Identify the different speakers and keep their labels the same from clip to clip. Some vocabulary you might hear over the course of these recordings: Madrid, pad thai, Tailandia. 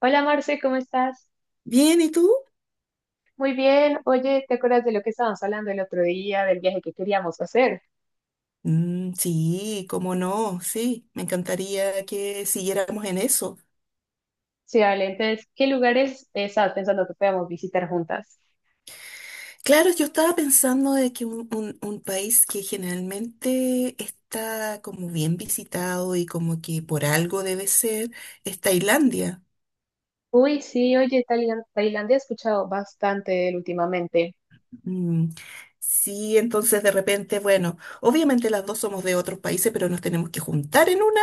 Speaker 1: Hola, Marce, ¿cómo estás?
Speaker 2: Bien, ¿y tú?
Speaker 1: Muy bien. Oye, ¿te acuerdas de lo que estábamos hablando el otro día, del viaje que queríamos hacer?
Speaker 2: Mm, sí, cómo no, sí, me encantaría que siguiéramos en eso.
Speaker 1: Sí, vale. Entonces, ¿qué lugares estabas pensando que podíamos visitar juntas?
Speaker 2: Claro, yo estaba pensando de que un país que generalmente está como bien visitado y como que por algo debe ser, es Tailandia.
Speaker 1: Uy, sí, oye, Tailandia he escuchado bastante de él últimamente.
Speaker 2: Mm. Sí, entonces de repente, bueno, obviamente las dos somos de otros países, pero nos tenemos que juntar en una,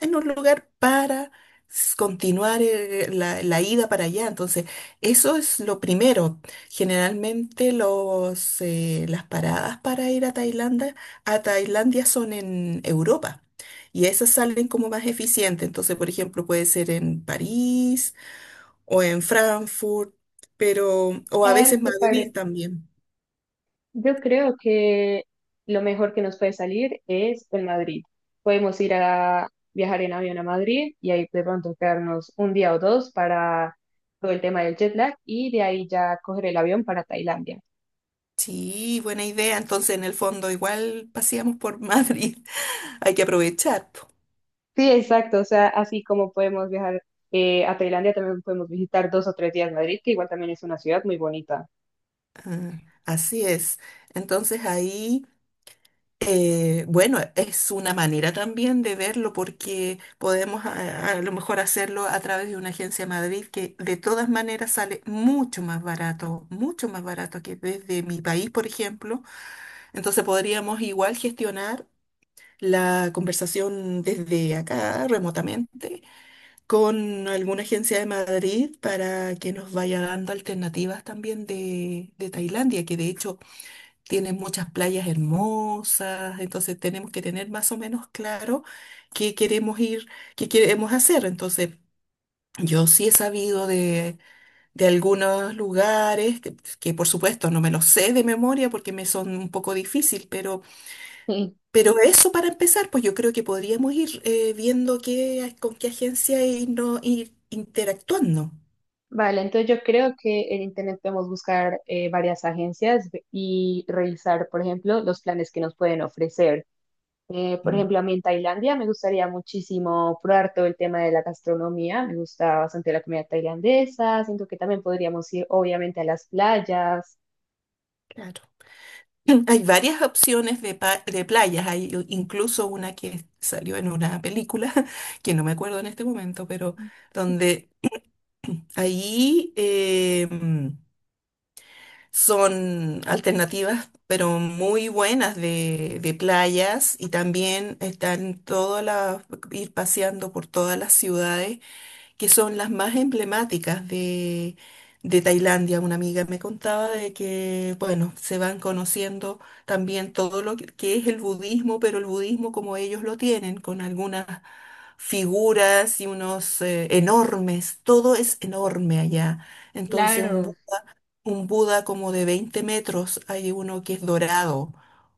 Speaker 2: en un lugar para continuar la ida para allá. Entonces, eso es lo primero. Generalmente las paradas para ir a Tailandia son en Europa. Y esas salen como más eficientes. Entonces, por ejemplo, puede ser en París o en Frankfurt, pero, o a
Speaker 1: ¿Tal
Speaker 2: veces
Speaker 1: te pare?
Speaker 2: Madrid también.
Speaker 1: Yo creo que lo mejor que nos puede salir es en Madrid. Podemos ir a viajar en avión a Madrid y ahí de pronto quedarnos un día o dos para todo el tema del jet lag y de ahí ya coger el avión para Tailandia.
Speaker 2: Sí, buena idea. Entonces, en el fondo, igual paseamos por Madrid. Hay que aprovechar, po.
Speaker 1: Sí, exacto. O sea, así como podemos viajar a Tailandia, también podemos visitar dos o tres días Madrid, que igual también es una ciudad muy bonita.
Speaker 2: Ah, así es. Entonces, ahí, bueno, es una manera también de verlo porque podemos a lo mejor hacerlo a través de una agencia Madrid que de todas maneras sale mucho más barato que desde mi país, por ejemplo. Entonces, podríamos igual gestionar la conversación desde acá remotamente con alguna agencia de Madrid para que nos vaya dando alternativas también de Tailandia, que de hecho tiene muchas playas hermosas, entonces tenemos que tener más o menos claro qué queremos ir, qué queremos hacer. Entonces, yo sí he sabido de algunos lugares, que por supuesto no me los sé de memoria porque me son un poco difícil,
Speaker 1: Sí.
Speaker 2: pero eso para empezar, pues yo creo que podríamos ir viendo qué, con qué agencia y no ir interactuando.
Speaker 1: Vale, entonces yo creo que en internet podemos buscar varias agencias y revisar, por ejemplo, los planes que nos pueden ofrecer. Por
Speaker 2: Mm.
Speaker 1: ejemplo, a mí en Tailandia me gustaría muchísimo probar todo el tema de la gastronomía. Me gusta bastante la comida tailandesa. Siento que también podríamos ir, obviamente, a las playas.
Speaker 2: Claro. Hay varias opciones de, de playas, hay incluso una que salió en una película, que no me acuerdo en este momento, pero donde ahí son alternativas, pero muy buenas de playas y también están todas las, ir paseando por todas las ciudades que son las más emblemáticas de Tailandia. Una amiga me contaba de que, bueno, se van conociendo también todo lo que es el budismo, pero el budismo como ellos lo tienen, con algunas figuras y unos enormes, todo es enorme allá. Entonces,
Speaker 1: Claro.
Speaker 2: un Buda como de 20 metros, hay uno que es dorado,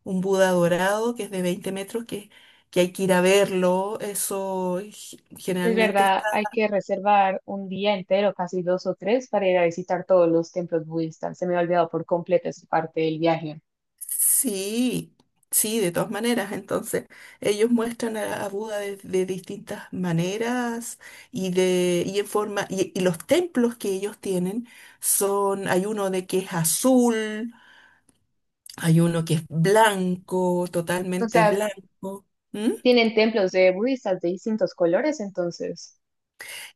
Speaker 2: un Buda dorado que es de 20 metros, que hay que ir a verlo, eso
Speaker 1: Es
Speaker 2: generalmente.
Speaker 1: verdad, hay que reservar un día entero, casi dos o tres, para ir a visitar todos los templos budistas. Se me ha olvidado por completo esa parte del viaje.
Speaker 2: Sí, sí, de todas maneras. Entonces, ellos muestran a Buda de distintas maneras y de y en forma y los templos que ellos tienen son, hay uno de que es azul, hay uno que es blanco,
Speaker 1: O
Speaker 2: totalmente
Speaker 1: sea,
Speaker 2: blanco.
Speaker 1: tienen templos de budistas de distintos colores, entonces.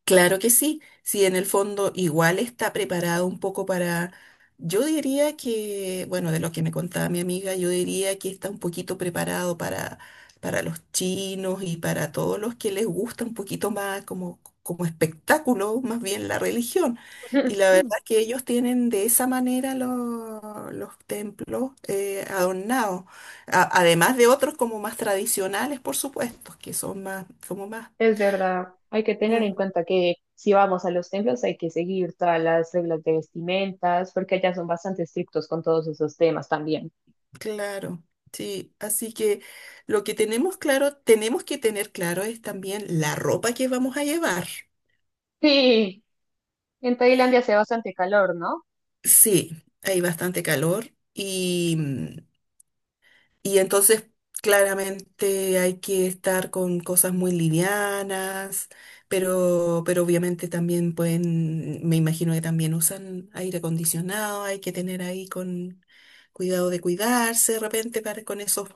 Speaker 2: Claro que sí. Si en el fondo igual está preparado un poco para, yo diría que, bueno, de lo que me contaba mi amiga, yo diría que está un poquito preparado para los chinos y para todos los que les gusta un poquito más como, como espectáculo, más bien la religión. Y la verdad que ellos tienen de esa manera los templos adornados, además de otros como más tradicionales, por supuesto, que son más, como más...
Speaker 1: Es verdad, hay que tener en
Speaker 2: Mm.
Speaker 1: cuenta que si vamos a los templos hay que seguir todas las reglas de vestimentas, porque allá son bastante estrictos con todos esos temas también.
Speaker 2: Claro, sí. Así que lo que tenemos claro, tenemos que tener claro es también la ropa que vamos a llevar.
Speaker 1: Sí, en Tailandia hace bastante calor, ¿no?
Speaker 2: Sí, hay bastante calor y, y entonces claramente hay que estar con cosas muy livianas, pero obviamente también pueden, me imagino que también usan aire acondicionado, hay que tener ahí con cuidado de cuidarse de repente para,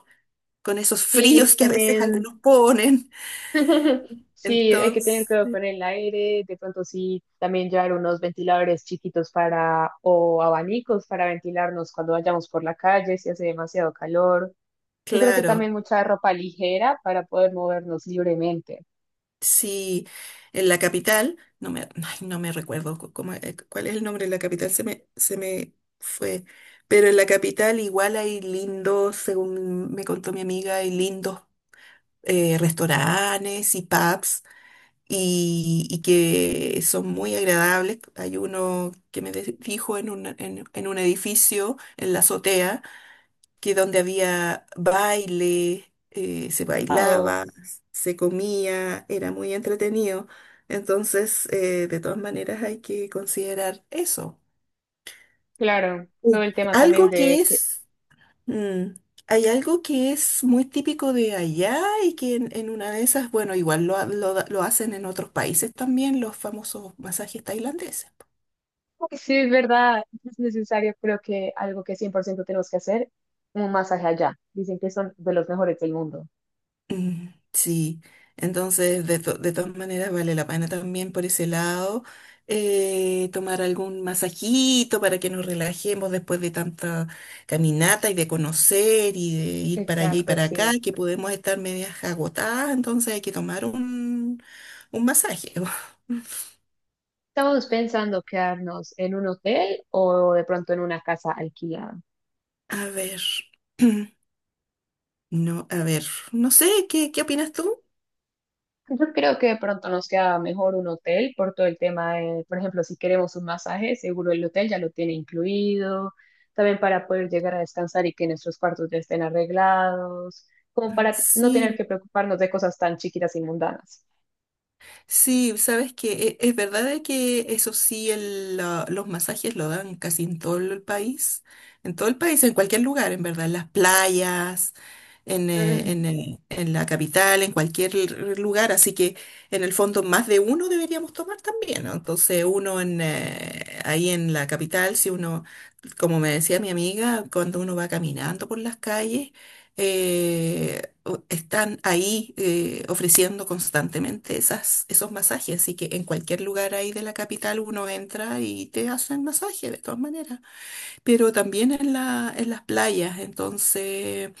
Speaker 2: con esos fríos
Speaker 1: Sí,
Speaker 2: que a veces
Speaker 1: también.
Speaker 2: algunos ponen.
Speaker 1: Sí, hay que tener
Speaker 2: Entonces,
Speaker 1: cuidado con el aire, de pronto sí, también llevar unos ventiladores chiquitos para o abanicos para ventilarnos cuando vayamos por la calle si hace demasiado calor. Yo creo que
Speaker 2: claro,
Speaker 1: también mucha ropa ligera para poder movernos libremente.
Speaker 2: si en la capital, no me, ay, no me recuerdo cuál es el nombre de la capital, se me fue, pero en la capital igual hay lindos, según me contó mi amiga, hay lindos restaurantes y pubs y que son muy agradables. Hay uno que me dijo en un, en un edificio, en la azotea que donde había baile, se
Speaker 1: Oh,
Speaker 2: bailaba, se comía, era muy entretenido. Entonces, de todas maneras, hay que considerar eso.
Speaker 1: claro, todo
Speaker 2: Sí.
Speaker 1: el tema también
Speaker 2: Algo
Speaker 1: de
Speaker 2: que es, mm, hay algo que es muy típico de allá y que en una de esas, bueno, igual lo, ha- lo da- lo hacen en otros países también, los famosos masajes tailandeses.
Speaker 1: que sí es verdad, es necesario, creo que algo que 100% tenemos que hacer, un masaje allá. Dicen que son de los mejores del mundo.
Speaker 2: Mm. Sí, entonces de todas maneras vale la pena también por ese lado tomar algún masajito para que nos relajemos después de tanta caminata y de conocer y de ir para allá y
Speaker 1: Exacto,
Speaker 2: para acá,
Speaker 1: sí.
Speaker 2: que podemos estar medias agotadas, entonces hay que tomar un masaje.
Speaker 1: Estamos pensando quedarnos en un hotel o de pronto en una casa alquilada.
Speaker 2: A ver, no, a ver, no sé, ¿qué, qué opinas tú?
Speaker 1: Yo creo que de pronto nos queda mejor un hotel por todo el tema de, por ejemplo, si queremos un masaje, seguro el hotel ya lo tiene incluido, también para poder llegar a descansar y que nuestros cuartos ya estén arreglados, como para no tener
Speaker 2: Sí.
Speaker 1: que preocuparnos de cosas tan chiquitas y mundanas.
Speaker 2: Sí, sabes que es verdad de que eso sí, los masajes lo dan casi en todo el país, en todo el país, en cualquier lugar, en verdad, en las playas, en,
Speaker 1: Mm.
Speaker 2: en la capital, en cualquier lugar, así que en el fondo más de uno deberíamos tomar también, ¿no? Entonces uno en, ahí en la capital, si uno, como me decía mi amiga, cuando uno va caminando por las calles, están ahí ofreciendo constantemente esos masajes, así que en cualquier lugar ahí de la capital uno entra y te hacen masaje de todas maneras, pero también en la, en las playas, entonces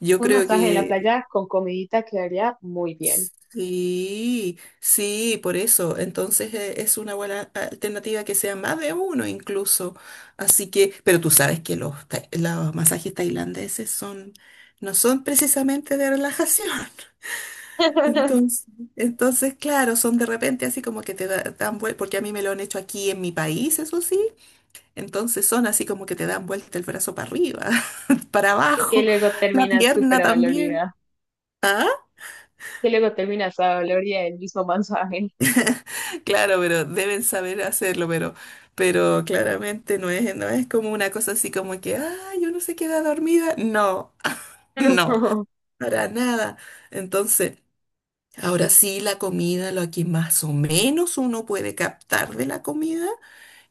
Speaker 2: yo
Speaker 1: Un
Speaker 2: creo
Speaker 1: masaje en la
Speaker 2: que
Speaker 1: playa con comidita quedaría muy bien.
Speaker 2: sí, sí, por eso, entonces es una buena alternativa que sea más de uno incluso, así que, pero tú sabes que los masajes tailandeses son, no son precisamente de relajación. Entonces, entonces, claro, son de repente así como que dan vuelta, porque a mí me lo han hecho aquí en mi país, eso sí, entonces son así como que te dan vuelta el brazo para arriba, para
Speaker 1: Y que
Speaker 2: abajo,
Speaker 1: luego
Speaker 2: la
Speaker 1: terminas súper
Speaker 2: pierna también.
Speaker 1: dolorida.
Speaker 2: ¿Ah?
Speaker 1: Que luego terminas a gloria el mismo mensaje.
Speaker 2: Claro, pero deben saber hacerlo, pero claramente no es, no es como una cosa así como que, ah, yo no se queda dormida. No, no, para nada. Entonces, ahora sí, la comida, lo que más o menos uno puede captar de la comida,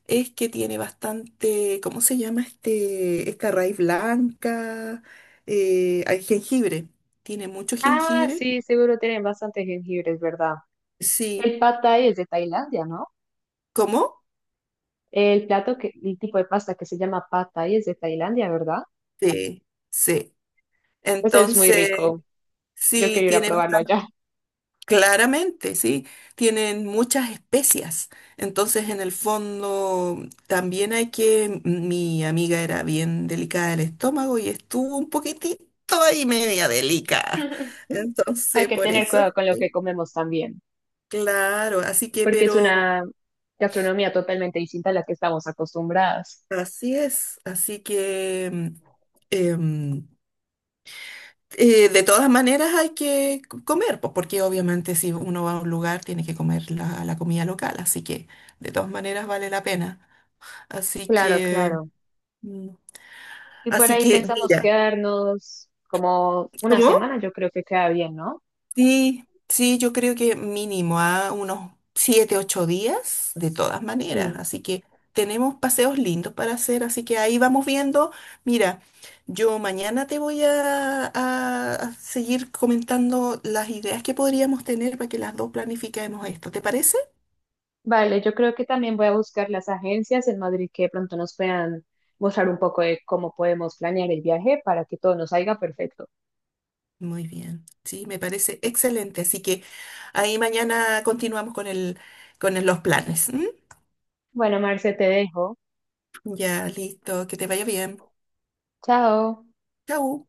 Speaker 2: es que tiene bastante, ¿cómo se llama este, esta raíz blanca? Hay jengibre, tiene mucho
Speaker 1: Ah,
Speaker 2: jengibre.
Speaker 1: sí, seguro tienen bastantes jengibres, ¿verdad?
Speaker 2: Sí,
Speaker 1: El pad thai es de Tailandia, ¿no?
Speaker 2: ¿cómo?
Speaker 1: El plato que, el tipo de pasta que se llama pad thai es de Tailandia, ¿verdad?
Speaker 2: Sí, sí.
Speaker 1: Pues es muy
Speaker 2: Entonces,
Speaker 1: rico. Yo
Speaker 2: sí,
Speaker 1: quiero ir a
Speaker 2: tiene
Speaker 1: probarlo
Speaker 2: bastante,
Speaker 1: allá.
Speaker 2: claramente, sí, tienen muchas especias. Entonces, en el fondo, también hay que, mi amiga era bien delicada del estómago y estuvo un poquitito y media delicada.
Speaker 1: Hay
Speaker 2: Entonces,
Speaker 1: que
Speaker 2: por
Speaker 1: tener
Speaker 2: eso... es
Speaker 1: cuidado con lo
Speaker 2: que.
Speaker 1: que comemos también,
Speaker 2: Claro, así que,
Speaker 1: porque es
Speaker 2: pero
Speaker 1: una gastronomía totalmente distinta a la que estamos acostumbradas.
Speaker 2: así es, así que em, de todas maneras hay que comer, pues, porque obviamente si uno va a un lugar tiene que comer la comida local, así que de todas maneras vale la pena. Así
Speaker 1: Claro,
Speaker 2: que,
Speaker 1: claro.
Speaker 2: mm,
Speaker 1: Y por
Speaker 2: así
Speaker 1: ahí
Speaker 2: que,
Speaker 1: pensamos
Speaker 2: mira,
Speaker 1: quedarnos como una
Speaker 2: ¿cómo?
Speaker 1: semana, yo creo que queda bien, ¿no?
Speaker 2: Sí, sí, yo creo que mínimo a unos 7, 8 días, de todas maneras.
Speaker 1: Sí.
Speaker 2: Así que tenemos paseos lindos para hacer, así que ahí vamos viendo. Mira, yo mañana te voy a seguir comentando las ideas que podríamos tener para que las dos planifiquemos esto. ¿Te parece?
Speaker 1: Vale, yo creo que también voy a buscar las agencias en Madrid que de pronto nos puedan mostrar un poco de cómo podemos planear el viaje para que todo nos salga perfecto.
Speaker 2: Muy bien, sí, me parece excelente. Así que ahí mañana continuamos con con los planes. ¿M?
Speaker 1: Bueno, Marce, te dejo.
Speaker 2: Ya, listo, que te vaya bien.
Speaker 1: Chao.
Speaker 2: Chau.